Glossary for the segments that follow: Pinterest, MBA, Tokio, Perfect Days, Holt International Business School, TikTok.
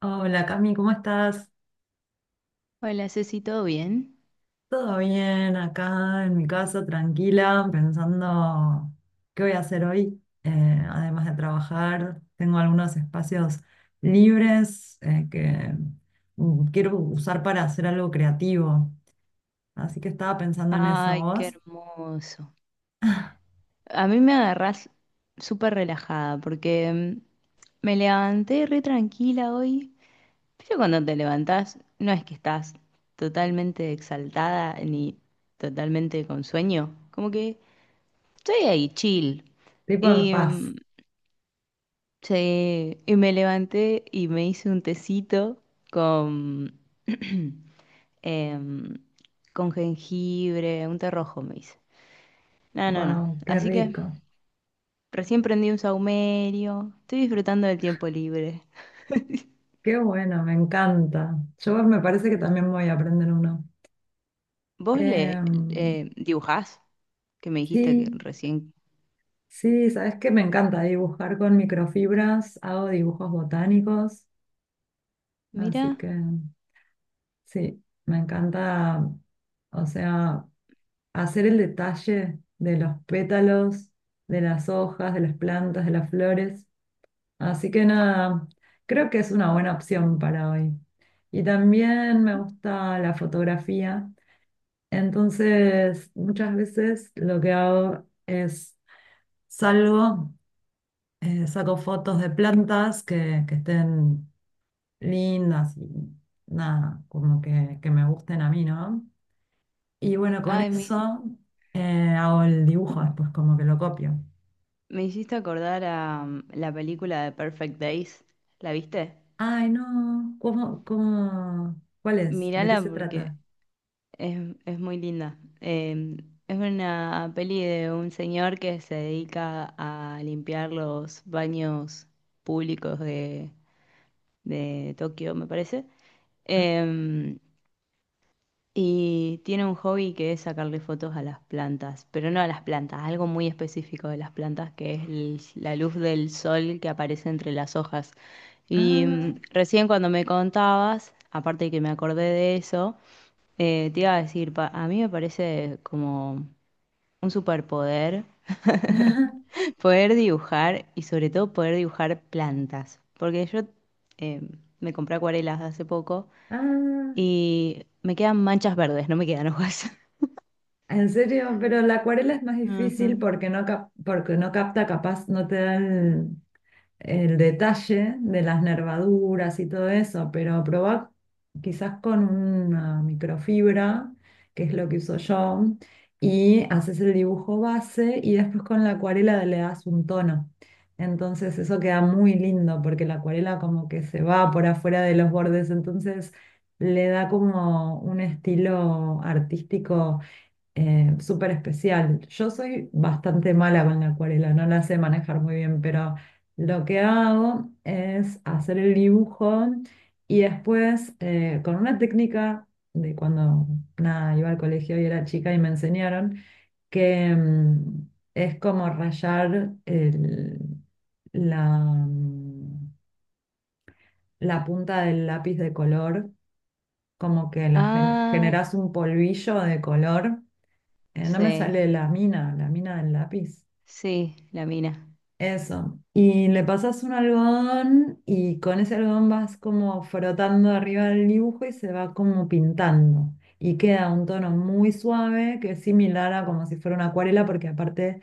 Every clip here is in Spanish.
Hola, Cami, ¿cómo estás? Hola, Ceci, ¿todo bien? ¿Todo bien? Acá en mi casa, tranquila, pensando qué voy a hacer hoy. Además de trabajar, tengo algunos espacios libres que quiero usar para hacer algo creativo. Así que estaba pensando en eso. Ay, qué ¿Vos? hermoso. A mí me agarrás súper relajada porque me levanté re tranquila hoy. Pero cuando te levantás, no es que estás totalmente exaltada ni totalmente con sueño. Como que estoy ahí, chill. Tipo en Y, paz. mm, sí, y me levanté y me hice un tecito con, em, con jengibre, un té rojo me hice. No, no, no. Wow, qué Así que rico. recién prendí un saumerio. Estoy disfrutando del tiempo libre. Qué bueno, me encanta. Yo, me parece que también voy a aprender uno. ¿Vos le Em, dibujás? Que me dijiste que sí. recién. Sí, sabes que me encanta dibujar con microfibras, hago dibujos botánicos, así Mira, que sí, me encanta, o sea, hacer el detalle de los pétalos, de las hojas, de las plantas, de las flores. Así que nada, creo que es una buena opción para hoy. Y también me gusta la fotografía, entonces muchas veces lo que hago es salgo, saco fotos de plantas que estén lindas y nada, como que me gusten a mí, ¿no? Y bueno, con ay, me, eso hago el dibujo después, como que lo copio. me hiciste acordar a la película de Perfect Days. ¿La viste? Ay, no, ¿cómo, cómo, cuál es? ¿De qué Mírala se porque trata? Es muy linda. Es una peli de un señor que se dedica a limpiar los baños públicos de Tokio, me parece. Ah, Em, Y tiene un hobby que es sacarle fotos a las plantas, pero no a las plantas, algo muy específico de las plantas que es la luz del sol que aparece entre las hojas. Ah, Recién cuando me contabas, aparte de que me acordé de eso, te iba a decir, a mí me parece como un superpoder. Poder dibujar y sobre todo poder dibujar plantas, porque yo eh, me compré acuarelas hace poco ah, y me quedan manchas verdes, no me quedan hojas. ¿en serio? Pero la acuarela es más difícil porque no, porque no capta, capaz, no te da el detalle de las nervaduras y todo eso, pero probá quizás con una microfibra, que es lo que uso yo, y haces el dibujo base y después con la acuarela le das un tono. Entonces eso queda muy lindo porque la acuarela como que se va por afuera de los bordes, entonces le da como un estilo artístico súper especial. Yo soy bastante mala con la acuarela, no la sé manejar muy bien, pero lo que hago es hacer el dibujo y después con una técnica de cuando, nada, iba al colegio y era chica, y me enseñaron que, es como rayar la, la punta del lápiz de color, como que lo Ah, generas un polvillo de color. No me sí, sale la mina del lápiz. sí, la mina, Eso. Y le pasas un algodón y con ese algodón vas como frotando arriba del dibujo y se va como pintando. Y queda un tono muy suave que es similar a como si fuera una acuarela, porque aparte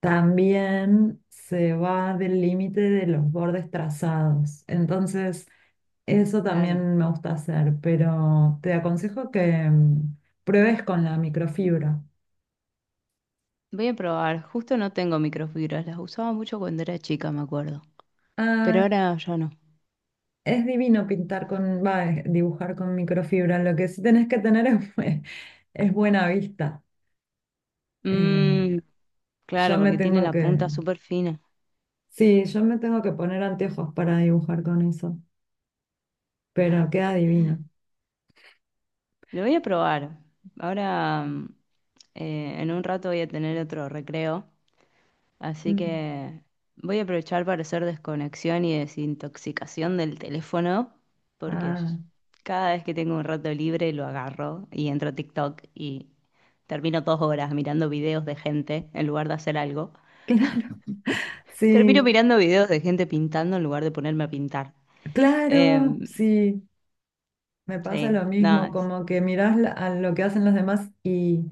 también se va del límite de los bordes trazados. Entonces, eso claro. también me gusta hacer, pero te aconsejo que, pruebes con la microfibra. Voy a probar, justo no tengo microfibras, las usaba mucho cuando era chica, me acuerdo, pero Ah. ahora ya no. Es divino pintar con, va, dibujar con microfibra. Lo que sí tenés que tener es, es buena vista. Eh, Mm, yo claro, me porque tiene tengo la punta súper fina. sí, yo me tengo que poner anteojos para dibujar con eso, pero queda divino. Lo voy a probar. Ahora, en un rato voy a tener otro recreo. Así Mm. que voy a aprovechar para hacer desconexión y desintoxicación del teléfono, porque Ah, cada vez que tengo un rato libre lo agarro y entro a TikTok y termino 2 horas mirando videos de gente en lugar de hacer algo. claro, Termino sí, mirando videos de gente pintando en lugar de ponerme a pintar. claro, Em, sí. Me pasa sí, lo no, mismo, como que mirás a lo que hacen los demás, y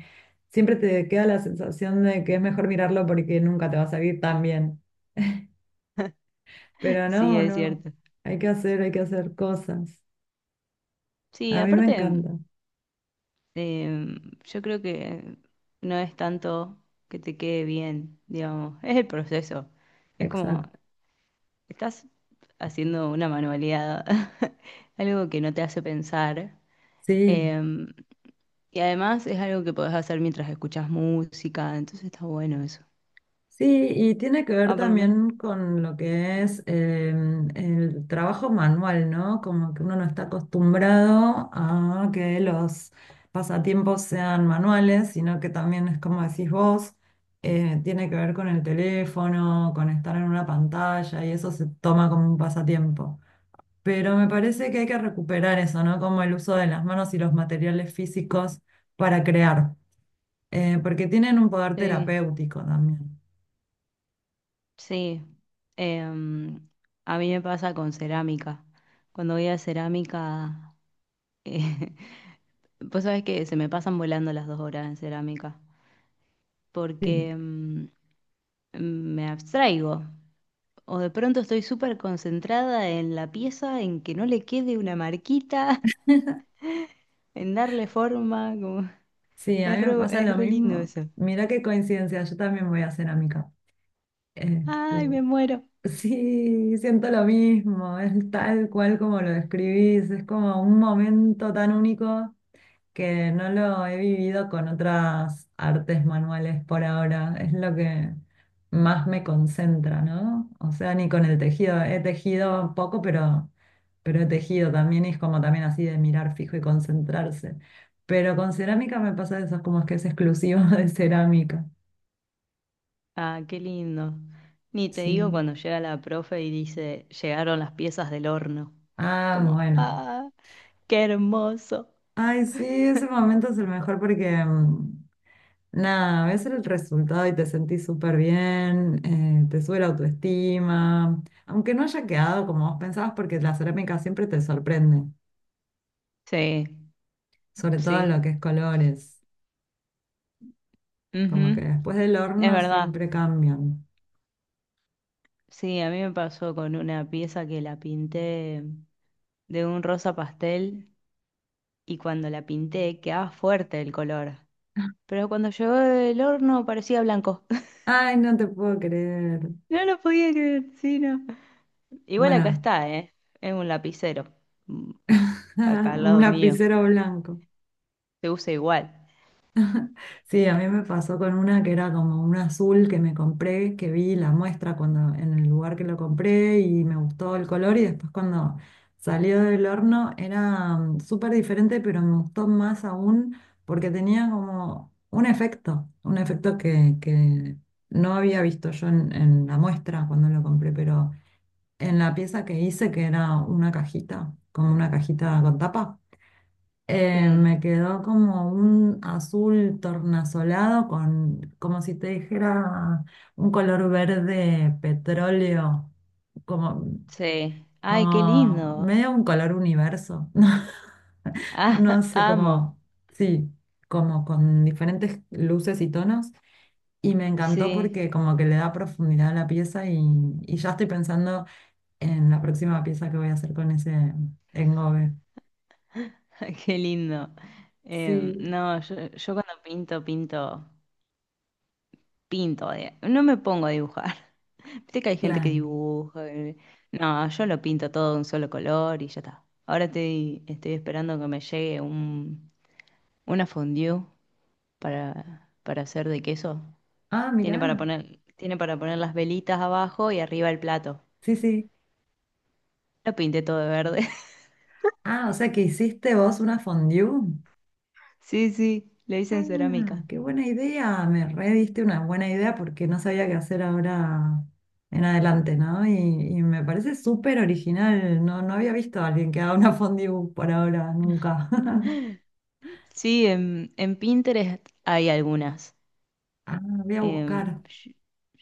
siempre te queda la sensación de que es mejor mirarlo porque nunca te va a salir tan bien. Pero sí no, es no. cierto. Hay que hacer cosas. Sí, A mí me aparte, encanta. em, yo creo que no es tanto que te quede bien, digamos, es el proceso. Es como Exacto. estás haciendo una manualidad, algo que no te hace pensar. Sí, em, y además es algo que podés hacer mientras escuchas música, entonces está bueno eso. sí, y tiene que ver Ah, por lo menos. también con lo que es, el trabajo manual, ¿no? Como que uno no está acostumbrado a que los pasatiempos sean manuales, sino que también es como decís vos, tiene que ver con el teléfono, con estar en una pantalla, y eso se toma como un pasatiempo. Pero me parece que hay que recuperar eso, ¿no? Como el uso de las manos y los materiales físicos para crear, porque tienen un poder Sí, terapéutico también. sí. Em, a mí me pasa con cerámica. Cuando voy a cerámica, eh, vos sabés que se me pasan volando las 2 horas en cerámica, Sí, porque me abstraigo. O de pronto estoy súper concentrada en la pieza, en que no le quede una marquita, en darle forma, como, sí, a mí me pasa lo es re lindo mismo. eso. Mira qué coincidencia, yo también voy a cerámica. Ay, Este, me muero. sí, siento lo mismo, es tal cual como lo describís, es como un momento tan único que no lo he vivido con otras artes manuales por ahora. Es lo que más me concentra, ¿no? O sea, ni con el tejido. He tejido poco, pero he tejido también y es como también así de mirar fijo y concentrarse. Pero con cerámica me pasa eso, es como que es exclusivo de cerámica. Ah, qué lindo. Ni te Sí. digo cuando llega la profe y dice, llegaron las piezas del horno. Ah, Como, bueno. ah, qué hermoso. Ay, sí, ese momento es el mejor porque, nada, ves el resultado y te sentís súper bien, te sube la autoestima, aunque no haya quedado como vos pensabas, porque la cerámica siempre te sorprende, Sí, sobre todo en sí. lo que es colores, como que Ujú, después del es horno verdad. siempre cambian. Sí, a mí me pasó con una pieza que la pinté de un rosa pastel y cuando la pinté quedaba fuerte el color. Pero cuando llegó del horno parecía blanco. Ay, no te puedo creer. No lo podía creer, sí, no. Igual acá Bueno, está, ¿eh? Es un lapicero. Mm, está acá al un lado mío. lapicero blanco. Se usa igual. Sí, a mí me pasó con una que era como un azul que me compré, que vi la muestra cuando, en el lugar que lo compré, y me gustó el color, y después cuando salió del horno era, súper diferente, pero me gustó más aún porque tenía como un efecto que no había visto yo en la muestra cuando lo compré, pero en la pieza que hice, que era una cajita, como una cajita con tapa. Me Sí, quedó como un azul tornasolado con, como si te dijera, un color verde petróleo, como, sí. Ay, qué como lindo. medio un color universo. Ah, No sé amo. cómo, sí, como con diferentes luces y tonos. Y me encantó Sí, porque como que le da profundidad a la pieza, y ya estoy pensando en la próxima pieza que voy a hacer con ese engobe. qué lindo. Sí, No, yo cuando pinto, pinto. No me pongo a dibujar. Viste que hay gente que claro. dibuja. No, yo lo pinto todo de un solo color y ya está. Ahora estoy esperando que me llegue una fondue para hacer de queso. Ah, mirá. Tiene para poner las velitas abajo y arriba el plato. Sí, sí. Lo pinté todo de verde. Ah, o sea que hiciste vos una fondue. Sí, sí, lo hice en Ah, cerámica. qué buena idea. Me rediste una buena idea porque no sabía qué hacer ahora en adelante, ¿no? Y me parece súper original. No, no había visto a alguien que haga una fondue por ahora, nunca. Sí, en Pinterest hay algunas. Ah, voy a Em, buscar. yo,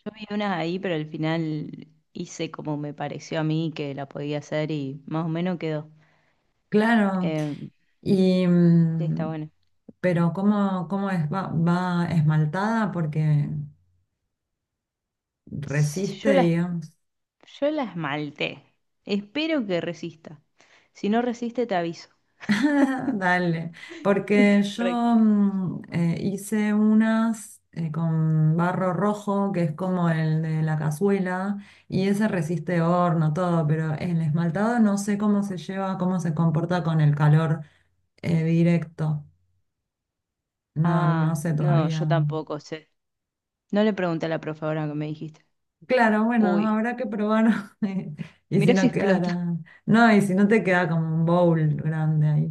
yo vi unas ahí, pero al final hice como me pareció a mí que la podía hacer y más o menos quedó. Claro. Em, Y, sí, está bueno. pero ¿cómo, cómo es? ¿Va, va esmaltada? Porque resiste, Yo las, digamos. yo las malté. Espero que resista. Si no resiste, te aviso. Dale, porque yo, Para- hice unas con barro rojo, que es como el de la cazuela, y ese resiste horno, todo, pero el esmaltado no sé cómo se lleva, cómo se comporta con el calor, directo. No, no Ah, sé no, yo todavía. tampoco. Se, no le pregunté a la profe ahora que me dijiste. Claro, bueno, Uy, habrá que probar. Y si mirá si no explota. quedara, no, y si no te queda como un bowl grande ahí.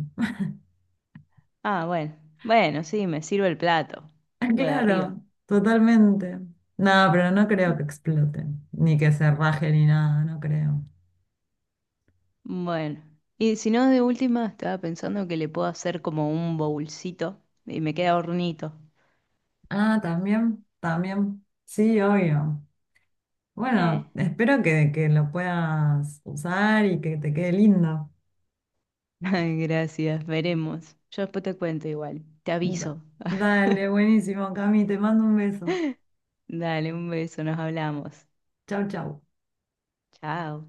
Ah, bueno. Bueno, sí, me sirve el plato. Ah, Lo de arriba. claro, totalmente. No, pero no creo que explote, ni que se raje ni nada, no creo. Bueno. Y si no, de última, estaba pensando que le puedo hacer como un bowlcito y me queda hornito. Ah, también, también. Sí, obvio. Eh. Bueno, espero que lo puedas usar y que te quede lindo. Ay, gracias, veremos. Yo después te cuento igual. Te Da- aviso. Dale, buenísimo, Cami, te mando un beso. Dale, un beso, nos hablamos. Chau, chau. Chao.